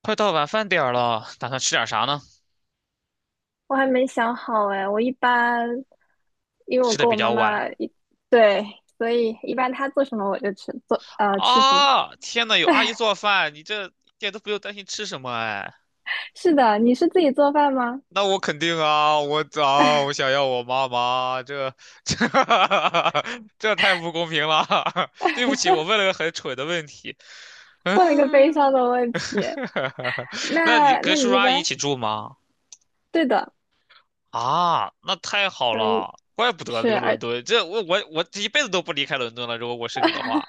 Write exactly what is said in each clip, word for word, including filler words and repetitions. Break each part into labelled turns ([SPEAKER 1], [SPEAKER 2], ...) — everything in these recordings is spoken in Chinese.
[SPEAKER 1] 快到晚饭点儿了，打算吃点啥呢？
[SPEAKER 2] 我还没想好哎，我一般因为我
[SPEAKER 1] 吃的
[SPEAKER 2] 跟我
[SPEAKER 1] 比
[SPEAKER 2] 妈
[SPEAKER 1] 较晚
[SPEAKER 2] 妈一对，所以一般她做什么我就吃做呃吃什么。
[SPEAKER 1] 啊！天呐，有阿姨做饭，你这一点都不用担心吃什么哎。
[SPEAKER 2] 是的，你是自己做饭吗？
[SPEAKER 1] 那我肯定啊，我啊，我想要我妈妈，这这 这太不公平了。对不起，我问了个很蠢的问题。
[SPEAKER 2] 问了一个悲
[SPEAKER 1] 嗯，
[SPEAKER 2] 伤的问题。
[SPEAKER 1] 那你
[SPEAKER 2] 那
[SPEAKER 1] 跟
[SPEAKER 2] 那
[SPEAKER 1] 叔
[SPEAKER 2] 你
[SPEAKER 1] 叔
[SPEAKER 2] 一
[SPEAKER 1] 阿姨一
[SPEAKER 2] 般
[SPEAKER 1] 起住吗？
[SPEAKER 2] 对的，
[SPEAKER 1] 啊，那太好
[SPEAKER 2] 所以
[SPEAKER 1] 了，怪不得
[SPEAKER 2] 是
[SPEAKER 1] 留伦
[SPEAKER 2] 而
[SPEAKER 1] 敦，这我我我这一辈子都不离开伦敦了。如果我是你的话，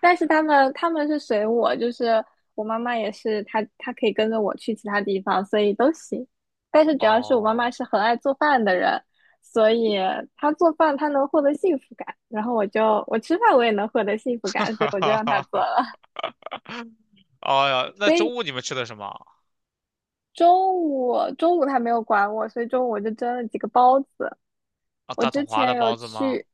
[SPEAKER 2] 但是他们他们是随我，就是我妈妈也是，她她可以跟着我去其他地方，所以都行。但是主要是我妈妈
[SPEAKER 1] 哦。
[SPEAKER 2] 是很爱做饭的人，所以她做饭她能获得幸福感，然后我就我吃饭我也能获得幸福感，所以我就让她做 了。
[SPEAKER 1] 哎呀，那
[SPEAKER 2] 所以
[SPEAKER 1] 中午你们吃的什么
[SPEAKER 2] 中午中午她没有管我，所以中午我就蒸了几个包子，
[SPEAKER 1] 啊？
[SPEAKER 2] 我
[SPEAKER 1] 大统
[SPEAKER 2] 之
[SPEAKER 1] 华的
[SPEAKER 2] 前有
[SPEAKER 1] 包子吗？
[SPEAKER 2] 去，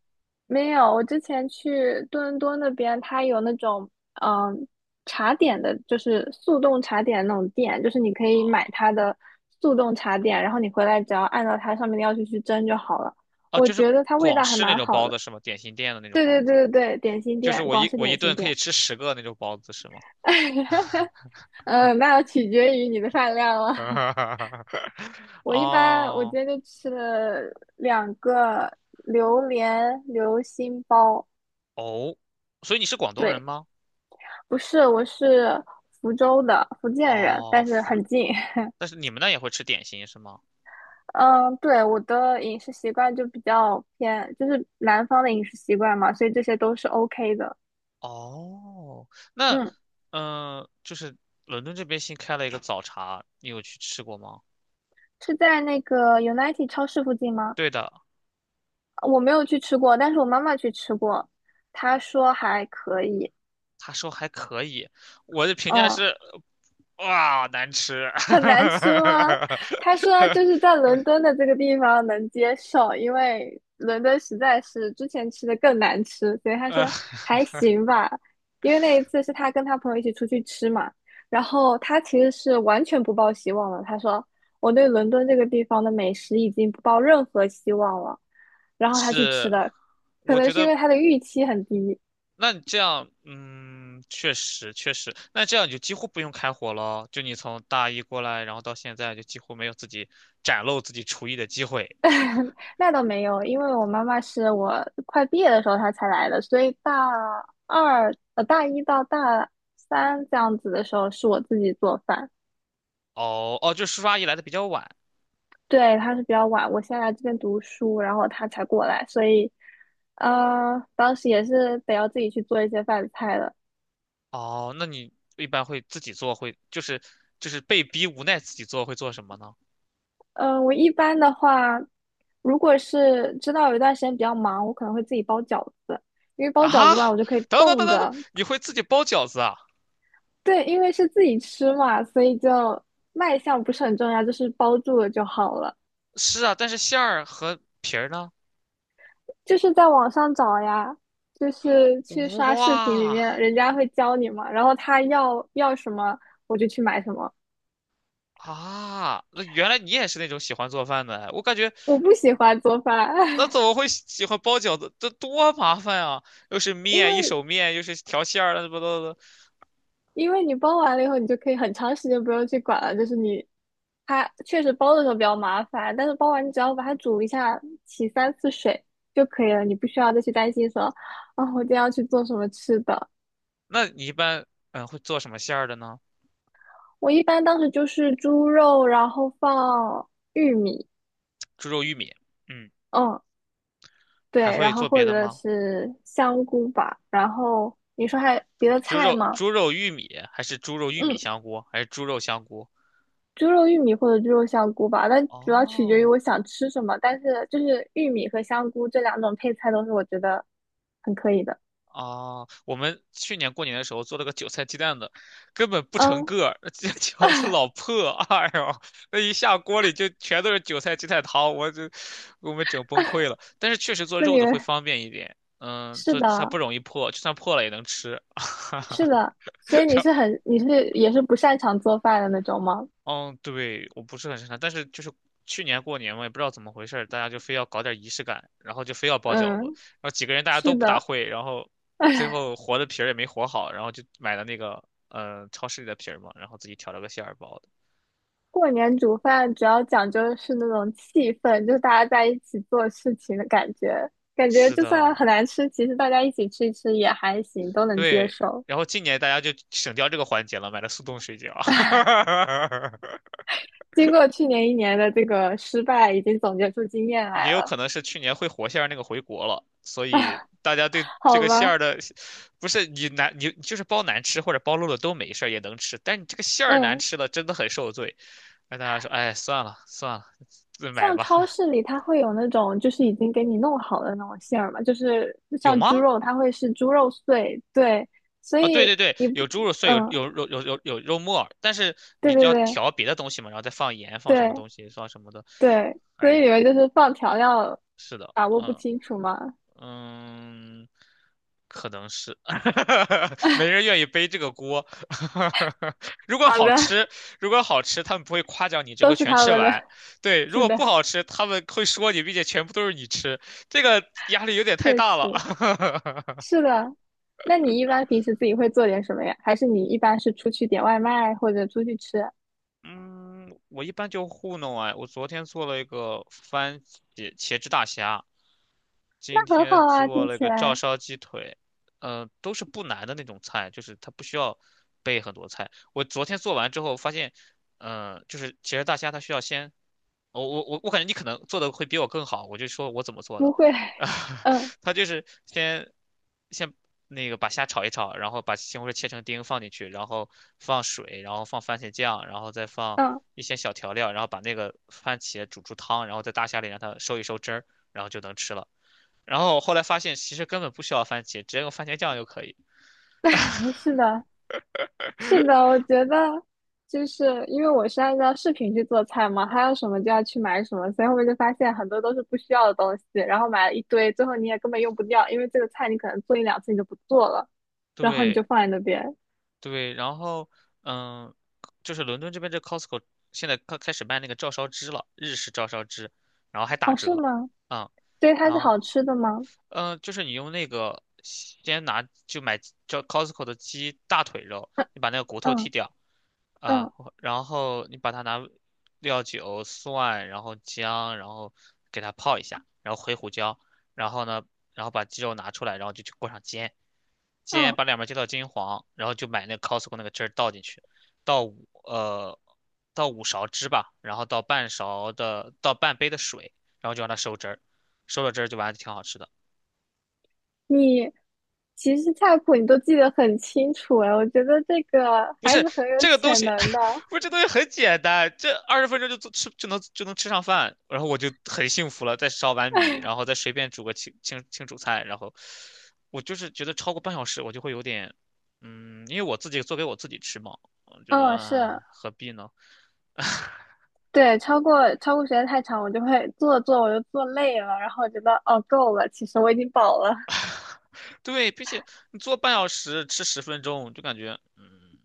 [SPEAKER 2] 没有，我之前去多伦多那边，它有那种嗯茶点的，就是速冻茶点那种店，就是你可以
[SPEAKER 1] 啊
[SPEAKER 2] 买它的速冻茶点，然后你回来只要按照它上面的要求去蒸就好了。
[SPEAKER 1] 啊，
[SPEAKER 2] 我
[SPEAKER 1] 就是
[SPEAKER 2] 觉得它味
[SPEAKER 1] 广
[SPEAKER 2] 道还
[SPEAKER 1] 式那
[SPEAKER 2] 蛮
[SPEAKER 1] 种
[SPEAKER 2] 好
[SPEAKER 1] 包
[SPEAKER 2] 的。
[SPEAKER 1] 子是吗？点心店的那种
[SPEAKER 2] 对
[SPEAKER 1] 包
[SPEAKER 2] 对
[SPEAKER 1] 子，
[SPEAKER 2] 对对对，点心
[SPEAKER 1] 就是
[SPEAKER 2] 店，
[SPEAKER 1] 我
[SPEAKER 2] 广
[SPEAKER 1] 一
[SPEAKER 2] 式
[SPEAKER 1] 我一
[SPEAKER 2] 点心
[SPEAKER 1] 顿可
[SPEAKER 2] 店。
[SPEAKER 1] 以吃十个那种包子是吗？
[SPEAKER 2] 嗯，那要取决于你的饭量了。我一般我今
[SPEAKER 1] 哦
[SPEAKER 2] 天就吃了两个榴莲流心包。
[SPEAKER 1] 哦，所以你是广东人
[SPEAKER 2] 对，
[SPEAKER 1] 吗？
[SPEAKER 2] 不是，我是福州的福建人，
[SPEAKER 1] 哦，
[SPEAKER 2] 但是
[SPEAKER 1] 福，
[SPEAKER 2] 很近。
[SPEAKER 1] 但是你们那也会吃点心是吗？
[SPEAKER 2] 嗯，对，我的饮食习惯就比较偏，就是南方的饮食习惯嘛，所以这些都是 OK 的。
[SPEAKER 1] 哦，那
[SPEAKER 2] 嗯，
[SPEAKER 1] 嗯、呃就是伦敦这边新开了一个早茶，你有去吃过吗？
[SPEAKER 2] 是在那个 United 超市附近吗？
[SPEAKER 1] 对的，
[SPEAKER 2] 我没有去吃过，但是我妈妈去吃过，她说还可以。
[SPEAKER 1] 他说还可以，我的评价
[SPEAKER 2] 嗯，
[SPEAKER 1] 是，哇，难吃，
[SPEAKER 2] 很难吃吗？他说就是 在伦敦的这个地方能接受，因为伦敦实在是之前吃的更难吃，所以他
[SPEAKER 1] 呃，
[SPEAKER 2] 说还行吧。因为那一次是他跟他朋友一起出去吃嘛，然后他其实是完全不抱希望了。他说我对伦敦这个地方的美食已经不抱任何希望了。然后他去吃
[SPEAKER 1] 是，
[SPEAKER 2] 的，可
[SPEAKER 1] 我
[SPEAKER 2] 能
[SPEAKER 1] 觉
[SPEAKER 2] 是因
[SPEAKER 1] 得
[SPEAKER 2] 为他的预期很低，
[SPEAKER 1] 那你这样，嗯，确实确实，那这样你就几乎不用开火了，就你从大一过来，然后到现在就几乎没有自己展露自己厨艺的机会。
[SPEAKER 2] 那倒没有，因为我妈妈是我快毕业的时候她才来的，所以大二呃大一到大三这样子的时候是我自己做饭。
[SPEAKER 1] 哦哦，就叔叔阿姨来的比较晚。
[SPEAKER 2] 对，她是比较晚，我先来这边读书，然后她才过来，所以呃当时也是得要自己去做一些饭菜的。
[SPEAKER 1] 哦，那你一般会自己做，会就是就是被逼无奈自己做，会做什么呢？
[SPEAKER 2] 嗯，我一般的话，如果是知道有一段时间比较忙，我可能会自己包饺子，因为包饺子
[SPEAKER 1] 啊，
[SPEAKER 2] 的话，我就可以
[SPEAKER 1] 等等等
[SPEAKER 2] 冻
[SPEAKER 1] 等等，
[SPEAKER 2] 着
[SPEAKER 1] 你会自己包饺子啊？
[SPEAKER 2] 对，因为是自己吃嘛，所以就卖相不是很重要，就是包住了就好了。
[SPEAKER 1] 是啊，但是馅儿和皮儿呢？
[SPEAKER 2] 就是在网上找呀，就是去刷视频里
[SPEAKER 1] 哇
[SPEAKER 2] 面，人家会教你嘛，然后他要要什么，我就去买什么。
[SPEAKER 1] 啊，那原来你也是那种喜欢做饭的哎我感觉
[SPEAKER 2] 我不喜欢做
[SPEAKER 1] 那怎
[SPEAKER 2] 饭，
[SPEAKER 1] 么会喜喜欢包饺子？这多麻烦啊！又是
[SPEAKER 2] 因
[SPEAKER 1] 面，一
[SPEAKER 2] 为
[SPEAKER 1] 手面，又是调馅儿，乱七八糟的。
[SPEAKER 2] 因为你包完了以后，你就可以很长时间不用去管了。就是你它确实包的时候比较麻烦，但是包完你只要把它煮一下，洗三次水就可以了，你不需要再去担心说啊，我今天要去做什么吃的。
[SPEAKER 1] 那你一般嗯会做什么馅儿的呢？
[SPEAKER 2] 我一般当时就是猪肉，然后放玉米，
[SPEAKER 1] 猪肉玉米，嗯，
[SPEAKER 2] 嗯，
[SPEAKER 1] 还
[SPEAKER 2] 对，然
[SPEAKER 1] 会
[SPEAKER 2] 后
[SPEAKER 1] 做
[SPEAKER 2] 或
[SPEAKER 1] 别的
[SPEAKER 2] 者
[SPEAKER 1] 吗？
[SPEAKER 2] 是香菇吧。然后你说还有别的
[SPEAKER 1] 猪
[SPEAKER 2] 菜
[SPEAKER 1] 肉
[SPEAKER 2] 吗？
[SPEAKER 1] 猪肉玉米，还是猪肉玉米
[SPEAKER 2] 嗯，
[SPEAKER 1] 香菇，还是猪肉香菇？
[SPEAKER 2] 猪肉玉米或者猪肉香菇吧，但主要取决于
[SPEAKER 1] 哦，
[SPEAKER 2] 我想吃什么。但是就是玉米和香菇这两种配菜都是我觉得很可以的。
[SPEAKER 1] 啊，我们去年过年的时候做了个韭菜鸡蛋的，根本不成
[SPEAKER 2] 嗯，
[SPEAKER 1] 个儿，那鸡蛋饺子老破，哎呦，那一下锅里就全都是韭菜鸡蛋汤，我就给我们整崩溃了。但是确实做
[SPEAKER 2] 那
[SPEAKER 1] 肉
[SPEAKER 2] 你
[SPEAKER 1] 的
[SPEAKER 2] 们
[SPEAKER 1] 会方便一点，嗯，
[SPEAKER 2] 是
[SPEAKER 1] 做它
[SPEAKER 2] 的，
[SPEAKER 1] 不容易破，就算破了也能吃。
[SPEAKER 2] 是 的，所以你是很你是也是不擅长做饭的那种吗？
[SPEAKER 1] 嗯，对，我不是很擅长，但是就是去年过年嘛，也不知道怎么回事儿，大家就非要搞点仪式感，然后就非要包饺子，
[SPEAKER 2] 嗯，
[SPEAKER 1] 然后几个人大家都
[SPEAKER 2] 是
[SPEAKER 1] 不大
[SPEAKER 2] 的。
[SPEAKER 1] 会，然后最后和的皮儿也没和好，然后就买了那个嗯，超市里的皮儿嘛，然后自己调了个馅儿包的。
[SPEAKER 2] 过年煮饭主要讲究的是那种气氛，就是大家在一起做事情的感觉。感觉
[SPEAKER 1] 是
[SPEAKER 2] 就
[SPEAKER 1] 的，
[SPEAKER 2] 算很难吃，其实大家一起吃一吃也还行，都能接
[SPEAKER 1] 对，
[SPEAKER 2] 受。
[SPEAKER 1] 然后今年大家就省掉这个环节了，买了速冻水饺。
[SPEAKER 2] 经过去年一年的这个失败，已经总结出经验
[SPEAKER 1] 也
[SPEAKER 2] 来
[SPEAKER 1] 有
[SPEAKER 2] 了，
[SPEAKER 1] 可能是去年会火馅儿那个回国了，所以大家对这
[SPEAKER 2] 好
[SPEAKER 1] 个馅
[SPEAKER 2] 吧？
[SPEAKER 1] 儿的，不是你难你就是包难吃或者包漏了都没事儿也能吃，但你这个馅儿难
[SPEAKER 2] 嗯，
[SPEAKER 1] 吃了真的很受罪。那大家说，哎，算了算了，自买
[SPEAKER 2] 像超
[SPEAKER 1] 吧。
[SPEAKER 2] 市里它会有那种就是已经给你弄好的那种馅儿嘛，就是
[SPEAKER 1] 有
[SPEAKER 2] 像猪
[SPEAKER 1] 吗？
[SPEAKER 2] 肉，它会是猪肉碎，对，所
[SPEAKER 1] 啊，对
[SPEAKER 2] 以
[SPEAKER 1] 对对，
[SPEAKER 2] 你不，
[SPEAKER 1] 有猪肉碎，有
[SPEAKER 2] 嗯，
[SPEAKER 1] 有肉有有有肉末儿但是
[SPEAKER 2] 对
[SPEAKER 1] 你
[SPEAKER 2] 对
[SPEAKER 1] 要
[SPEAKER 2] 对
[SPEAKER 1] 调别的东西嘛，然后再放盐，放什么
[SPEAKER 2] 对。
[SPEAKER 1] 东西，放什么的。
[SPEAKER 2] 对，所以
[SPEAKER 1] 哎，
[SPEAKER 2] 你们就是放调料
[SPEAKER 1] 是的，
[SPEAKER 2] 把握不
[SPEAKER 1] 嗯，
[SPEAKER 2] 清楚嘛，
[SPEAKER 1] 嗯，可能是，没人愿意背这个锅。如果
[SPEAKER 2] 好
[SPEAKER 1] 好
[SPEAKER 2] 的，
[SPEAKER 1] 吃，如果好吃，他们不会夸奖你，只
[SPEAKER 2] 都
[SPEAKER 1] 会
[SPEAKER 2] 是
[SPEAKER 1] 全
[SPEAKER 2] 他
[SPEAKER 1] 吃
[SPEAKER 2] 们的。
[SPEAKER 1] 完。对，如
[SPEAKER 2] 是
[SPEAKER 1] 果不
[SPEAKER 2] 的，
[SPEAKER 1] 好吃，他们会说你，并且全部都是你吃，这个压力有点太
[SPEAKER 2] 确
[SPEAKER 1] 大了。
[SPEAKER 2] 实 是的。那你一般平时自己会做点什么呀？还是你一般是出去点外卖或者出去吃？
[SPEAKER 1] 嗯，我一般就糊弄啊。我昨天做了一个番茄茄汁大虾，
[SPEAKER 2] 那
[SPEAKER 1] 今
[SPEAKER 2] 很
[SPEAKER 1] 天
[SPEAKER 2] 好啊，
[SPEAKER 1] 做
[SPEAKER 2] 听
[SPEAKER 1] 了
[SPEAKER 2] 起
[SPEAKER 1] 个照
[SPEAKER 2] 来
[SPEAKER 1] 烧鸡腿，嗯、都是不难的那种菜，就是它不需要备很多菜。我昨天做完之后发现，嗯、就是其实大虾它需要先，我我我我感觉你可能做的会比我更好，我就说我怎么做
[SPEAKER 2] 不
[SPEAKER 1] 的，
[SPEAKER 2] 会。
[SPEAKER 1] 啊，
[SPEAKER 2] 嗯
[SPEAKER 1] 它就是先先那个把虾炒一炒，然后把西红柿切成丁放进去，然后放水，然后放番茄酱，然后再放
[SPEAKER 2] 嗯，
[SPEAKER 1] 一些小调料，然后把那个番茄煮出汤，然后在大虾里让它收一收汁儿，然后就能吃了。然后后来发现其实根本不需要番茄，直接用番茄酱就可以。
[SPEAKER 2] 是的。是的，我觉得就是因为我是按照视频去做菜嘛，还有什么就要去买什么，所以后面就发现很多都是不需要的东西，然后买了一堆，最后你也根本用不掉，因为这个菜你可能做一两次你就不做了，然后你就
[SPEAKER 1] 对
[SPEAKER 2] 放在那边。
[SPEAKER 1] 对，然后嗯，就是伦敦这边这 Costco 现在开开始卖那个照烧汁了，日式照烧汁，然后还打
[SPEAKER 2] 哦，是
[SPEAKER 1] 折，
[SPEAKER 2] 吗？
[SPEAKER 1] 嗯，
[SPEAKER 2] 所以它
[SPEAKER 1] 然
[SPEAKER 2] 是
[SPEAKER 1] 后
[SPEAKER 2] 好吃的吗？
[SPEAKER 1] 嗯，呃就是你用那个先拿就买叫 Costco 的鸡大腿肉，你把那个骨头剔
[SPEAKER 2] 嗯
[SPEAKER 1] 掉，啊，
[SPEAKER 2] 嗯
[SPEAKER 1] 然后你把它拿料酒、蒜，然后姜，然后给它泡一下，然后回胡椒，然后呢，然后把鸡肉拿出来，然后就去锅上煎，
[SPEAKER 2] 嗯，
[SPEAKER 1] 煎
[SPEAKER 2] 嗯
[SPEAKER 1] 把两边煎到金黄，然后就买那个 Costco 那个汁儿倒进去，倒五呃倒五勺汁吧，然后倒半勺的倒半杯的水，然后就让它收汁儿，收了汁儿就完了，就挺好吃的。
[SPEAKER 2] 你其实菜谱你都记得很清楚哎，我觉得这个
[SPEAKER 1] 不
[SPEAKER 2] 还
[SPEAKER 1] 是
[SPEAKER 2] 是很有
[SPEAKER 1] 这个东
[SPEAKER 2] 潜
[SPEAKER 1] 西，
[SPEAKER 2] 能的。
[SPEAKER 1] 不是这东西很简单，这二十分钟就做吃就能就能吃上饭，然后我就很幸福了。再烧碗米，然后再随便煮个清清清煮菜，然后我就是觉得超过半小时我就会有点，嗯，因为我自己做给我自己吃嘛，我觉得、
[SPEAKER 2] 嗯，是。
[SPEAKER 1] 唉何必呢？
[SPEAKER 2] 对，超过超过时间太长，我就会坐着做着我就坐累了，然后我觉得哦够了，其实我已经饱了，
[SPEAKER 1] 对，并且你做半小时，吃十分钟，就感觉，嗯，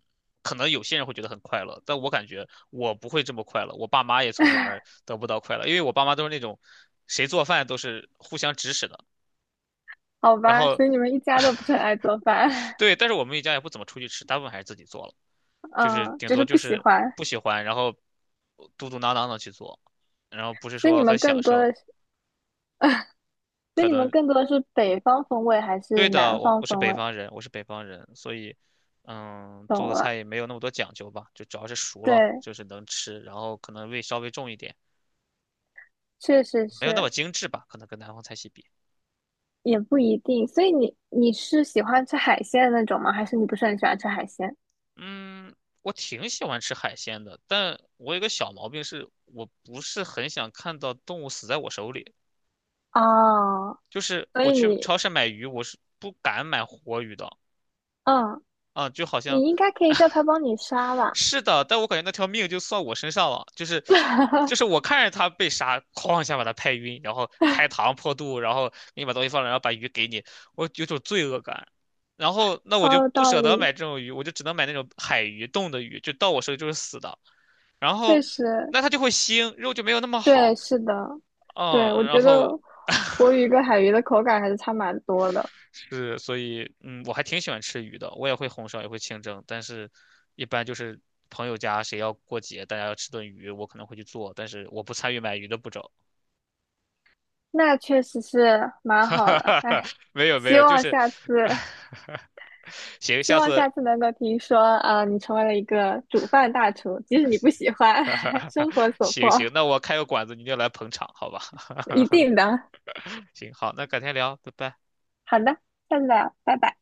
[SPEAKER 1] 可能有些人会觉得很快乐，但我感觉我不会这么快乐，我爸妈也从里面儿得不到快乐，因为我爸妈都是那种，谁做饭都是互相指使的，
[SPEAKER 2] 好
[SPEAKER 1] 然
[SPEAKER 2] 吧。
[SPEAKER 1] 后，
[SPEAKER 2] 所以你们一家都不是很爱做饭，
[SPEAKER 1] 对，但是我们一家也不怎么出去吃，大部分还是自己做了，就是
[SPEAKER 2] 嗯，
[SPEAKER 1] 顶
[SPEAKER 2] 就
[SPEAKER 1] 多
[SPEAKER 2] 是
[SPEAKER 1] 就
[SPEAKER 2] 不喜
[SPEAKER 1] 是
[SPEAKER 2] 欢。
[SPEAKER 1] 不喜欢，然后嘟嘟囔囔的去做，然后不是
[SPEAKER 2] 所以你
[SPEAKER 1] 说
[SPEAKER 2] 们
[SPEAKER 1] 很
[SPEAKER 2] 更
[SPEAKER 1] 享
[SPEAKER 2] 多
[SPEAKER 1] 受，
[SPEAKER 2] 的是，所以
[SPEAKER 1] 可
[SPEAKER 2] 你们
[SPEAKER 1] 能
[SPEAKER 2] 更多的是北方风味还
[SPEAKER 1] 对
[SPEAKER 2] 是
[SPEAKER 1] 的，
[SPEAKER 2] 南
[SPEAKER 1] 我
[SPEAKER 2] 方
[SPEAKER 1] 我是
[SPEAKER 2] 风
[SPEAKER 1] 北
[SPEAKER 2] 味？
[SPEAKER 1] 方人，我是北方人，所以，嗯，做
[SPEAKER 2] 懂
[SPEAKER 1] 的菜
[SPEAKER 2] 了，
[SPEAKER 1] 也没有那么多讲究吧，就主要是熟了，
[SPEAKER 2] 对，
[SPEAKER 1] 就是能吃，然后可能味稍微重一点，
[SPEAKER 2] 确实
[SPEAKER 1] 没有那么
[SPEAKER 2] 是，
[SPEAKER 1] 精致吧，可能跟南方菜系比。
[SPEAKER 2] 也不一定。所以你你是喜欢吃海鲜的那种吗？还是你不是很喜欢吃海鲜？
[SPEAKER 1] 嗯，我挺喜欢吃海鲜的，但我有个小毛病是，我不是很想看到动物死在我手里，
[SPEAKER 2] 哦，
[SPEAKER 1] 就是
[SPEAKER 2] 所
[SPEAKER 1] 我
[SPEAKER 2] 以
[SPEAKER 1] 去
[SPEAKER 2] 你，
[SPEAKER 1] 超市买鱼，我是不敢买活鱼的。
[SPEAKER 2] 嗯，
[SPEAKER 1] 啊，就好像
[SPEAKER 2] 你应该可以叫他帮 你杀吧，
[SPEAKER 1] 是的，但我感觉那条命就算我身上了，就是就 是我看着他被杀，哐一下把他拍晕，然后开膛破肚，然后给你把东西放了，然后把鱼给你，我有种罪恶感。然后那我
[SPEAKER 2] 好
[SPEAKER 1] 就
[SPEAKER 2] 有
[SPEAKER 1] 不
[SPEAKER 2] 道
[SPEAKER 1] 舍得
[SPEAKER 2] 理。
[SPEAKER 1] 买这种鱼，我就只能买那种海鱼、冻的鱼，就到我手里就是死的。然
[SPEAKER 2] 确
[SPEAKER 1] 后
[SPEAKER 2] 实，
[SPEAKER 1] 那它就会腥，肉就没有那么
[SPEAKER 2] 对，
[SPEAKER 1] 好，
[SPEAKER 2] 是的，对，我
[SPEAKER 1] 嗯，然
[SPEAKER 2] 觉
[SPEAKER 1] 后
[SPEAKER 2] 得活 鱼跟海鱼的口感还是差蛮多的，
[SPEAKER 1] 是，所以嗯，我还挺喜欢吃鱼的，我也会红烧，也会清蒸，但是一般就是朋友家谁要过节，大家要吃顿鱼，我可能会去做，但是我不参与买鱼的步骤。
[SPEAKER 2] 那确实是蛮好的。哎，
[SPEAKER 1] 没有没
[SPEAKER 2] 希
[SPEAKER 1] 有，就
[SPEAKER 2] 望
[SPEAKER 1] 是
[SPEAKER 2] 下次，
[SPEAKER 1] 行，
[SPEAKER 2] 希
[SPEAKER 1] 下
[SPEAKER 2] 望
[SPEAKER 1] 次
[SPEAKER 2] 下次能够听说，啊，你成为了一个煮饭大厨，即使你不喜欢，生活 所
[SPEAKER 1] 行
[SPEAKER 2] 迫，
[SPEAKER 1] 行，那我开个馆子，你就来捧场，好吧？
[SPEAKER 2] 一定的。
[SPEAKER 1] 行，好，那改天聊，拜拜。
[SPEAKER 2] 好的，下次聊，拜拜。